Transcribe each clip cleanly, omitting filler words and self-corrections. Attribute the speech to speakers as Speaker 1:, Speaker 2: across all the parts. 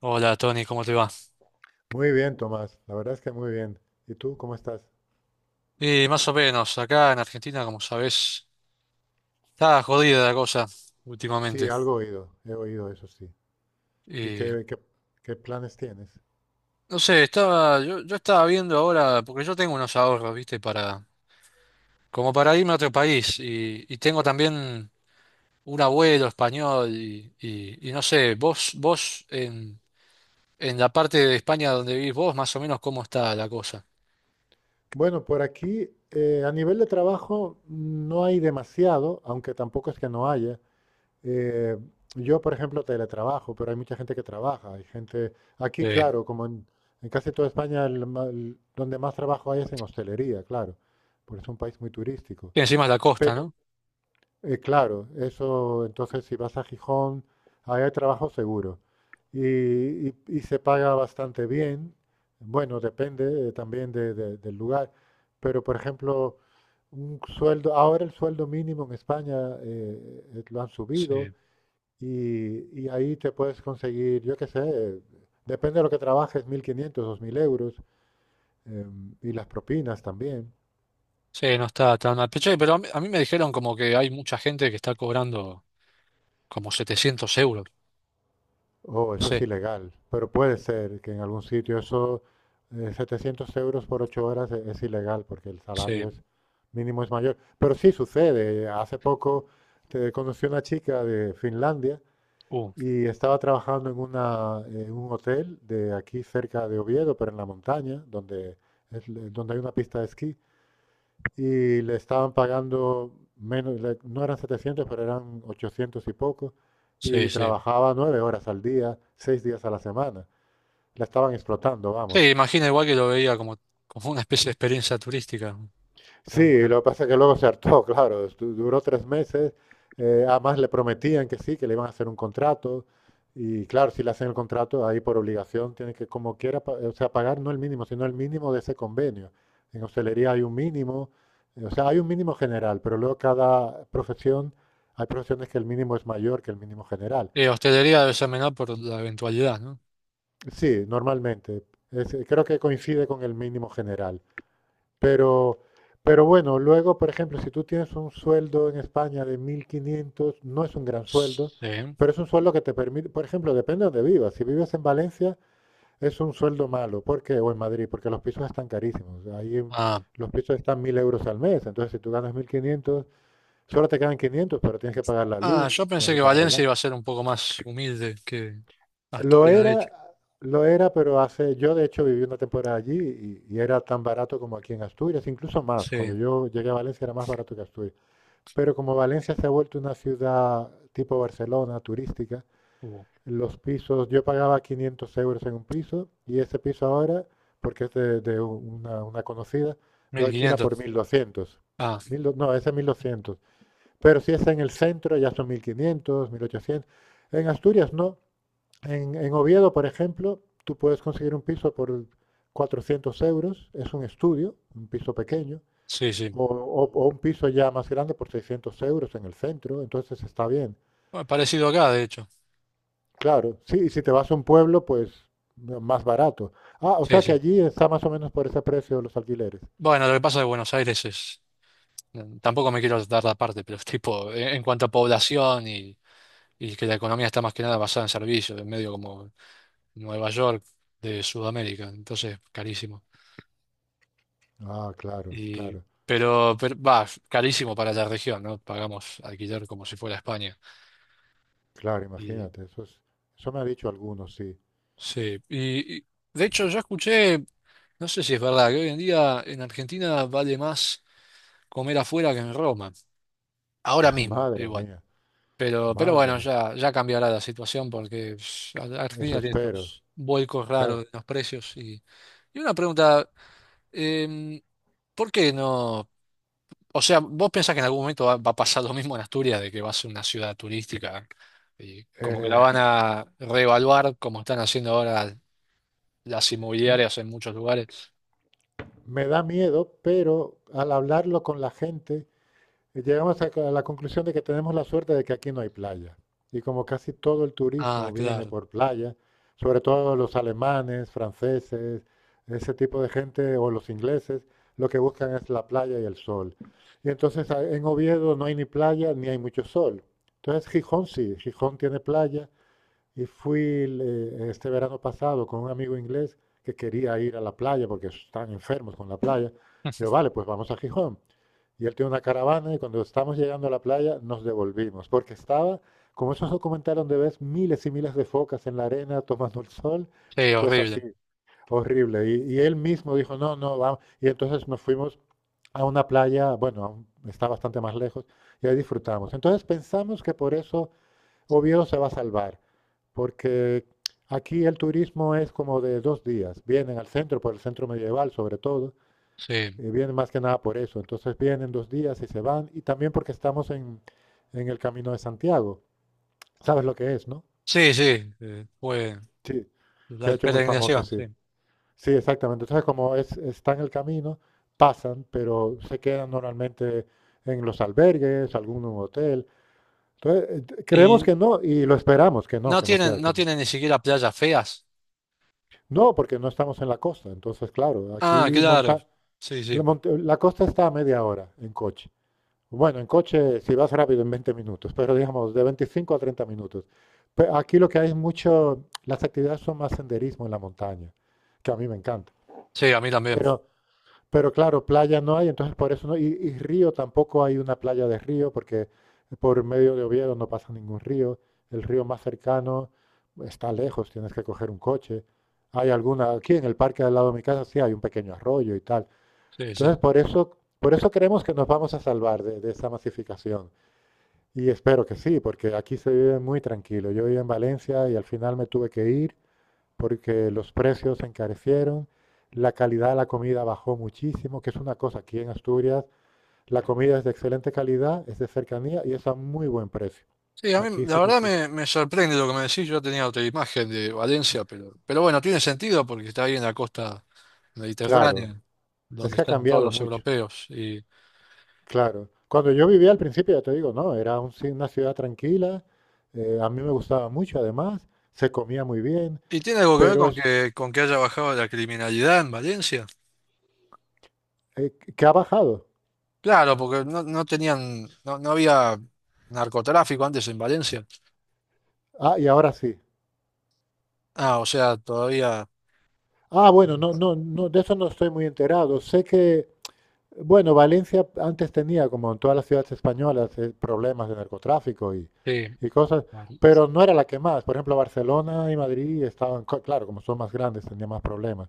Speaker 1: Hola Tony, ¿cómo te va?
Speaker 2: Muy bien, Tomás. La verdad es que muy bien. ¿Y tú cómo estás?
Speaker 1: Y más o menos, acá en Argentina, como sabés, está jodida la cosa
Speaker 2: Sí,
Speaker 1: últimamente.
Speaker 2: algo he oído. He oído eso, sí. ¿Y
Speaker 1: Y
Speaker 2: qué planes tienes?
Speaker 1: no sé, estaba, yo estaba viendo ahora, porque yo tengo unos ahorros, ¿viste? Para, como para irme a otro país. Y tengo también un abuelo español y no sé, vos en, en la parte de España donde vivís vos, más o menos, ¿cómo está la cosa?
Speaker 2: Bueno, por aquí, a nivel de trabajo, no hay demasiado, aunque tampoco es que no haya. Eh, yo, por ejemplo, teletrabajo, pero hay mucha gente que trabaja. Hay gente, aquí,
Speaker 1: Eh,
Speaker 2: claro, en casi toda España, donde más trabajo hay es en hostelería, claro, porque es un país muy turístico.
Speaker 1: y encima es la costa, ¿no?
Speaker 2: Claro, eso, entonces si vas a Gijón, ahí hay trabajo seguro. Y se paga bastante bien. Bueno, depende también del lugar. Pero, por ejemplo, un sueldo, ahora el sueldo mínimo en España lo han subido
Speaker 1: Sí.
Speaker 2: y ahí te puedes conseguir, yo qué sé, depende de lo que trabajes, 1.500, 2.000 euros y las propinas también.
Speaker 1: Sí, no está tan mal. Pero che, pero a mí me dijeron como que hay mucha gente que está cobrando. Como 700 euros.
Speaker 2: Oh, eso es
Speaker 1: Sí,
Speaker 2: ilegal, pero puede ser que en algún sitio eso, 700 euros por 8 horas es ilegal porque el
Speaker 1: sí,
Speaker 2: salario es mínimo es mayor. Pero sí sucede. Hace poco te conocí una chica de Finlandia
Speaker 1: uh,
Speaker 2: y estaba trabajando en un hotel de aquí cerca de Oviedo, pero en la montaña, donde, es, donde hay una pista de esquí y le estaban pagando menos, no eran 700 pero eran 800 y poco,
Speaker 1: sí,
Speaker 2: y
Speaker 1: sí.
Speaker 2: trabajaba 9 horas al día, 6 días a la semana. La estaban explotando, vamos.
Speaker 1: Sí, imagina igual que lo veía como, como una especie de experiencia turística, ¿no? La mujer.
Speaker 2: Sí, lo que pasa es que luego se hartó, claro, duró 3 meses. Además le prometían que sí, que le iban a hacer un contrato, y claro, si le hacen el contrato, ahí por obligación tiene que, como quiera, o sea, pagar no el mínimo, sino el mínimo de ese convenio. En hostelería hay un mínimo, o sea, hay un mínimo general, pero luego cada profesión, hay profesiones que el mínimo es mayor que el mínimo general.
Speaker 1: Y hostelería debe ser menor por la eventualidad, ¿no?
Speaker 2: Sí, normalmente, creo que coincide con el mínimo general. Pero, pero bueno, luego, por ejemplo, si tú tienes un sueldo en España de 1.500, no es un gran sueldo,
Speaker 1: Sí.
Speaker 2: pero es un sueldo que te permite, por ejemplo, depende de donde vivas. Si vives en Valencia, es un sueldo malo, porque o en Madrid, porque los pisos están carísimos. Ahí
Speaker 1: Ah,
Speaker 2: los pisos están 1.000 euros al mes, entonces si tú ganas 1.500, solo te quedan 500, pero tienes que pagar la
Speaker 1: ah,
Speaker 2: luz,
Speaker 1: yo
Speaker 2: tienes
Speaker 1: pensé
Speaker 2: que
Speaker 1: que
Speaker 2: pagar el
Speaker 1: Valencia
Speaker 2: agua.
Speaker 1: iba a ser un poco más humilde que
Speaker 2: Lo
Speaker 1: Asturias, de hecho.
Speaker 2: era, lo era, pero hace, yo de hecho viví una temporada allí y era tan barato como aquí en Asturias, incluso más.
Speaker 1: Sí,
Speaker 2: Cuando yo llegué a Valencia era más barato que Asturias. Pero como Valencia se ha vuelto una ciudad tipo Barcelona, turística,
Speaker 1: uh,
Speaker 2: los pisos, yo pagaba 500 euros en un piso y ese piso ahora, porque es de una conocida, lo
Speaker 1: mil
Speaker 2: alquila por
Speaker 1: quinientos
Speaker 2: 1.200.
Speaker 1: Ah,
Speaker 2: No, ese es 1.200. Pero si es en el centro ya son 1.500, 1.800. En Asturias no. En Oviedo, por ejemplo, tú puedes conseguir un piso por 400 euros, es un estudio, un piso pequeño,
Speaker 1: sí, sí.
Speaker 2: o un piso ya más grande por 600 euros en el centro, entonces está bien.
Speaker 1: Bueno, parecido acá, de hecho.
Speaker 2: Claro, sí, y si te vas a un pueblo, pues no, más barato. Ah, o
Speaker 1: Sí,
Speaker 2: sea que
Speaker 1: sí.
Speaker 2: allí está más o menos por ese precio los alquileres.
Speaker 1: Bueno, lo que pasa de Buenos Aires es... Tampoco me quiero dar la parte, pero es tipo, en cuanto a población y que la economía está más que nada basada en servicios, en medio como Nueva York de Sudamérica, entonces carísimo.
Speaker 2: Ah, claro,
Speaker 1: Y,
Speaker 2: claro,
Speaker 1: pero, va, carísimo para la región, ¿no? Pagamos alquiler como si fuera España.
Speaker 2: claro,
Speaker 1: Y,
Speaker 2: imagínate, eso es, eso me ha dicho algunos, sí.
Speaker 1: sí, de hecho yo escuché, no sé si es verdad, que hoy en día en Argentina vale más comer afuera que en Roma, ahora mismo,
Speaker 2: Madre
Speaker 1: igual.
Speaker 2: mía,
Speaker 1: Pero
Speaker 2: madre
Speaker 1: bueno,
Speaker 2: mía,
Speaker 1: ya cambiará la situación porque pss,
Speaker 2: eso
Speaker 1: Argentina tiene
Speaker 2: espero.
Speaker 1: estos vuelcos raros
Speaker 2: Claro.
Speaker 1: en los precios. Y una pregunta, em, ¿por qué no? O sea, ¿vos pensás que en algún momento va a pasar lo mismo en Asturias, de que va a ser una ciudad turística y como que la
Speaker 2: Eh,
Speaker 1: van a reevaluar como están haciendo ahora las inmobiliarias en muchos lugares?
Speaker 2: me da miedo, pero al hablarlo con la gente, llegamos a la conclusión de que tenemos la suerte de que aquí no hay playa. Y como casi todo el
Speaker 1: Ah,
Speaker 2: turismo viene
Speaker 1: claro.
Speaker 2: por playa, sobre todo los alemanes, franceses, ese tipo de gente o los ingleses, lo que buscan es la playa y el sol. Y entonces en Oviedo no hay ni playa ni hay mucho sol. Entonces Gijón sí, Gijón tiene playa y fui el, este verano pasado con un amigo inglés que quería ir a la playa porque están enfermos con la playa. Yo, vale, pues vamos a Gijón. Y él tiene una caravana y cuando estamos llegando a la playa nos devolvimos porque estaba, como esos documentales donde ves miles y miles de focas en la arena tomando el sol,
Speaker 1: Sí,
Speaker 2: pues
Speaker 1: horrible.
Speaker 2: así, horrible. Y él mismo dijo, no, no, vamos. Y entonces nos fuimos a una playa, bueno, está bastante más lejos, y ahí disfrutamos. Entonces pensamos que por eso Oviedo se va a salvar, porque aquí el turismo es como de 2 días. Vienen al centro, por el centro medieval sobre todo,
Speaker 1: Sí.
Speaker 2: vienen más que nada por eso. Entonces vienen 2 días y se van, y también porque estamos en el Camino de Santiago. ¿Sabes lo que es, no?
Speaker 1: Sí, sí. Fue
Speaker 2: Sí, se
Speaker 1: la
Speaker 2: ha hecho muy famoso,
Speaker 1: peregrinación, sí.
Speaker 2: sí. Sí, exactamente. Entonces, como es, está en el camino, pasan, pero se quedan normalmente en los albergues, algún hotel. Entonces, creemos
Speaker 1: Y
Speaker 2: que no y lo esperamos
Speaker 1: no
Speaker 2: que no sea,
Speaker 1: tienen,
Speaker 2: que
Speaker 1: no
Speaker 2: no.
Speaker 1: tienen ni siquiera playas feas.
Speaker 2: No, porque no estamos en la costa. Entonces, claro, aquí
Speaker 1: Ah, claro.
Speaker 2: monta,
Speaker 1: Sí,
Speaker 2: la,
Speaker 1: sí.
Speaker 2: la costa está a media hora en coche. Bueno, en coche si vas rápido en 20 minutos, pero digamos de 25 a 30 minutos. Aquí lo que hay es mucho, las actividades son más senderismo en la montaña, que a mí me encanta.
Speaker 1: Sí, a mí también.
Speaker 2: Pero pero claro, playa no hay, entonces por eso no. Y río tampoco hay una playa de río, porque por medio de Oviedo no pasa ningún río. El río más cercano está lejos, tienes que coger un coche. Hay alguna, aquí en el parque al lado de mi casa sí hay un pequeño arroyo y tal.
Speaker 1: Sí,
Speaker 2: Entonces
Speaker 1: sí.
Speaker 2: por eso creemos que nos vamos a salvar de esa masificación. Y espero que sí, porque aquí se vive muy tranquilo. Yo vivía en Valencia y al final me tuve que ir porque los precios se encarecieron, la calidad de la comida bajó muchísimo, que es una cosa aquí en Asturias, la comida es de excelente calidad, es de cercanía y es a muy buen precio.
Speaker 1: Sí, a mí
Speaker 2: Aquí sí
Speaker 1: la
Speaker 2: que
Speaker 1: verdad
Speaker 2: tú.
Speaker 1: me sorprende lo que me decís. Yo tenía otra imagen de Valencia, pero bueno, tiene sentido porque está ahí en la costa
Speaker 2: Claro,
Speaker 1: mediterránea,
Speaker 2: es
Speaker 1: donde
Speaker 2: que ha
Speaker 1: están todos
Speaker 2: cambiado
Speaker 1: los
Speaker 2: mucho,
Speaker 1: europeos.
Speaker 2: claro. Cuando yo vivía al principio, ya te digo, no, era una ciudad tranquila, a mí me gustaba mucho además, se comía muy bien,
Speaker 1: Y tiene algo que ver
Speaker 2: pero es
Speaker 1: con que haya bajado la criminalidad en Valencia.
Speaker 2: eh, que ha bajado.
Speaker 1: Claro, porque no, no tenían, no, no había narcotráfico antes en Valencia.
Speaker 2: Ah, y ahora sí.
Speaker 1: Ah, o sea, todavía.
Speaker 2: Ah, bueno, no, no, no, de eso no estoy muy enterado. Sé que, bueno, Valencia antes tenía, como en todas las ciudades españolas, problemas de narcotráfico
Speaker 1: Sí.
Speaker 2: y cosas, pero no era la que más. Por ejemplo, Barcelona y Madrid estaban, claro, como son más grandes, tenían más problemas.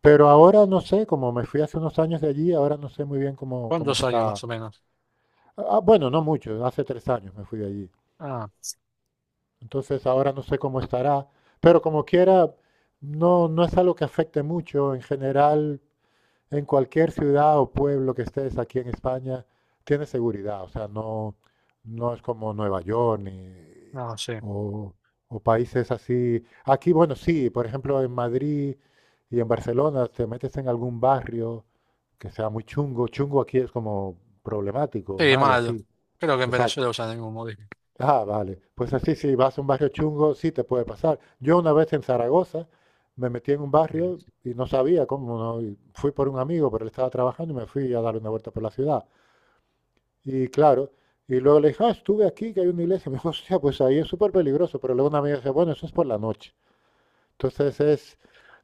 Speaker 2: Pero ahora no sé, como me fui hace unos años de allí, ahora no sé muy bien cómo
Speaker 1: ¿Cuántos años
Speaker 2: está.
Speaker 1: más o menos?
Speaker 2: Ah, bueno, no mucho, hace 3 años me fui de allí.
Speaker 1: Ah,
Speaker 2: Entonces ahora no sé cómo estará, pero como quiera, no, no es algo que afecte mucho. En general, en cualquier ciudad o pueblo que estés aquí en España, tienes seguridad. O sea, no, no es como Nueva York ni,
Speaker 1: no sé.
Speaker 2: o, o países así. Aquí, bueno, sí, por ejemplo, en Madrid y en Barcelona te metes en algún barrio que sea muy chungo. Chungo aquí es como problemático,
Speaker 1: Sí,
Speaker 2: malo,
Speaker 1: malo.
Speaker 2: así.
Speaker 1: Creo que en
Speaker 2: O sea,
Speaker 1: Venezuela usan el mismo modelo.
Speaker 2: ah, vale. Pues así, si vas a un barrio chungo, sí te puede pasar. Yo una vez en Zaragoza me metí en un barrio y no sabía cómo, no, y fui por un amigo, pero él estaba trabajando y me fui a dar una vuelta por la ciudad. Y claro, y luego le dije, ah, estuve aquí, que hay una iglesia. Me dijo, hostia, pues ahí es súper peligroso. Pero luego una amiga dice, bueno, eso es por la noche. Entonces es,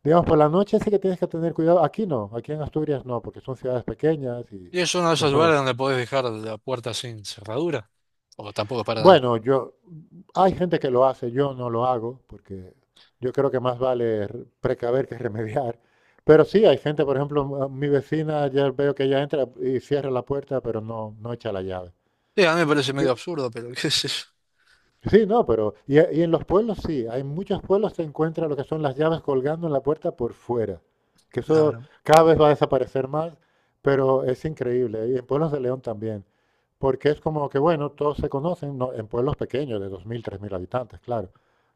Speaker 2: digamos, por la noche sí que tienes que tener cuidado. Aquí no, aquí en Asturias no, porque son ciudades pequeñas y
Speaker 1: Y es uno de
Speaker 2: y
Speaker 1: esos lugares
Speaker 2: eso.
Speaker 1: donde podés dejar la puerta sin cerradura. O tampoco para nada.
Speaker 2: Bueno, yo, hay gente que lo hace, yo no lo hago, porque yo creo que más vale precaver que remediar. Pero sí, hay gente, por ejemplo, mi vecina, ya veo que ella entra y cierra la puerta, pero no, no echa la llave.
Speaker 1: Sí, a mí me parece medio absurdo, pero qué sé yo.
Speaker 2: Sí, no, pero y en los pueblos sí, hay muchos pueblos se encuentra lo que son las llaves colgando en la puerta por fuera, que eso
Speaker 1: Claro.
Speaker 2: cada vez va a desaparecer más, pero es increíble, y en pueblos de León también, porque es como que, bueno, todos se conocen, no, en pueblos pequeños de 2.000 3.000 habitantes, claro,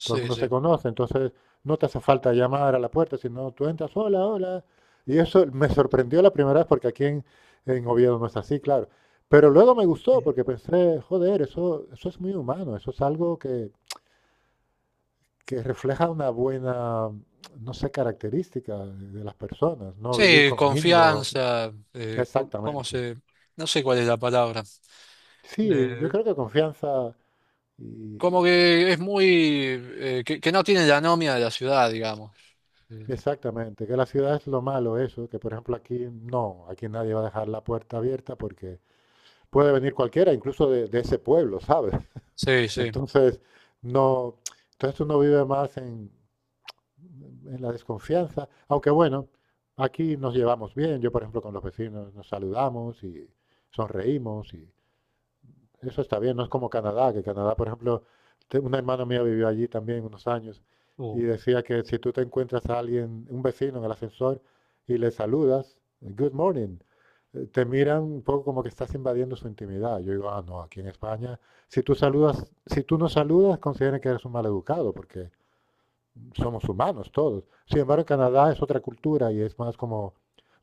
Speaker 2: todo el
Speaker 1: Sí,
Speaker 2: mundo se
Speaker 1: sí.
Speaker 2: conoce, entonces no te hace falta llamar a la puerta, sino tú entras, hola, hola, y eso me sorprendió la primera vez porque aquí en Oviedo no es así, claro, pero luego me gustó porque pensé, joder, eso es muy humano, eso es algo que refleja una buena, no sé, característica de las personas, no vivir
Speaker 1: Sí,
Speaker 2: con miedo.
Speaker 1: confianza, co- cómo
Speaker 2: Exactamente.
Speaker 1: se... No sé cuál es la palabra.
Speaker 2: Sí, yo
Speaker 1: Eh,
Speaker 2: creo que confianza y
Speaker 1: Como que es muy... que no tiene la anomia de la ciudad, digamos. Eh,
Speaker 2: exactamente, que la ciudad es lo malo eso, que por ejemplo aquí no, aquí nadie va a dejar la puerta abierta porque puede venir cualquiera, incluso de ese pueblo, ¿sabes?
Speaker 1: Sí, sí.
Speaker 2: Entonces, no, entonces uno vive más en la desconfianza, aunque bueno, aquí nos llevamos bien, yo por ejemplo con los vecinos nos saludamos y sonreímos y eso está bien, no es como Canadá, que Canadá por ejemplo, una hermana mía vivió allí también unos años
Speaker 1: Uh.
Speaker 2: y decía que si tú te encuentras a alguien, un vecino en el ascensor y le saludas, good morning, te miran un poco como que estás invadiendo su intimidad. Yo digo, ah, no, aquí en España, si tú saludas, si tú no saludas, consideran que eres un maleducado, porque somos humanos todos. Sin embargo, en Canadá es otra cultura y es más como,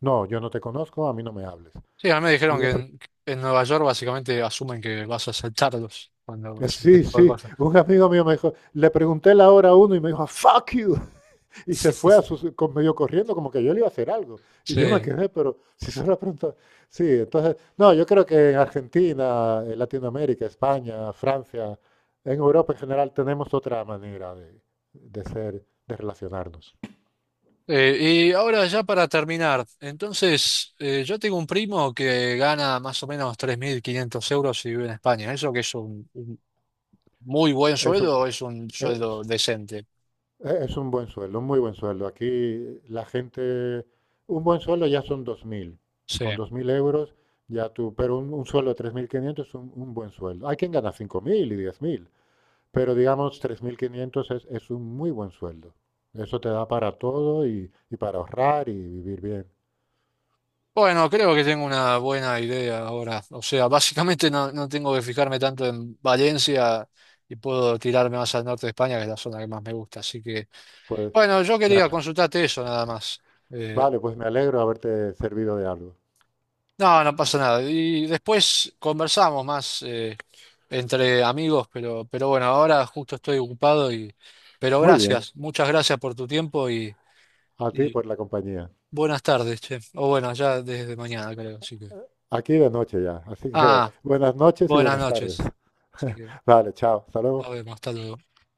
Speaker 2: no, yo no te conozco, a mí no me hables.
Speaker 1: Sí, a mí me
Speaker 2: Y
Speaker 1: dijeron
Speaker 2: yo,
Speaker 1: que
Speaker 2: pero-
Speaker 1: en Nueva York básicamente asumen que vas a asaltarlos cuando haces este
Speaker 2: sí,
Speaker 1: tipo de cosas.
Speaker 2: un amigo mío me dijo, le pregunté la hora a uno y me dijo, fuck you, y se fue a su, medio corriendo como que yo le iba a hacer algo. Y yo me
Speaker 1: Sí.
Speaker 2: quedé, pero si se lo preguntó, sí, entonces, no, yo creo que en Argentina, en Latinoamérica, España, Francia, en Europa en general tenemos otra manera de ser, de relacionarnos.
Speaker 1: Y ahora ya para terminar, entonces yo tengo un primo que gana más o menos 3.500 euros y vive en España. ¿Eso que es un muy buen
Speaker 2: Eso.
Speaker 1: sueldo o es un sueldo decente?
Speaker 2: Es un buen sueldo, un muy buen sueldo. Aquí la gente, un buen sueldo ya son 2.000.
Speaker 1: Sí.
Speaker 2: Con 2.000 euros ya tú, pero un sueldo de 3.500 es un buen sueldo. Hay quien gana 5.000 y 10.000, pero digamos 3.500 es un muy buen sueldo. Eso te da para todo y para ahorrar y vivir bien.
Speaker 1: Bueno, creo que tengo una buena idea ahora. O sea, básicamente no, no tengo que fijarme tanto en Valencia y puedo tirarme más al norte de España, que es la zona que más me gusta. Así que,
Speaker 2: Pues,
Speaker 1: bueno, yo
Speaker 2: me
Speaker 1: quería
Speaker 2: ale-
Speaker 1: consultarte eso nada más. Eh,
Speaker 2: vale, pues me alegro de haberte servido de algo.
Speaker 1: no, no pasa nada. Y después conversamos más. Entre amigos, pero bueno, ahora justo estoy ocupado y, pero
Speaker 2: Muy bien,
Speaker 1: gracias, muchas gracias por tu tiempo
Speaker 2: a ti
Speaker 1: y
Speaker 2: por la compañía.
Speaker 1: buenas tardes, che. O bueno, ya desde mañana creo, así que.
Speaker 2: Aquí de noche ya, así que
Speaker 1: Ah,
Speaker 2: buenas noches y
Speaker 1: buenas
Speaker 2: buenas tardes.
Speaker 1: noches. Así que
Speaker 2: Vale, chao, hasta
Speaker 1: nos
Speaker 2: luego.
Speaker 1: vemos, hasta luego.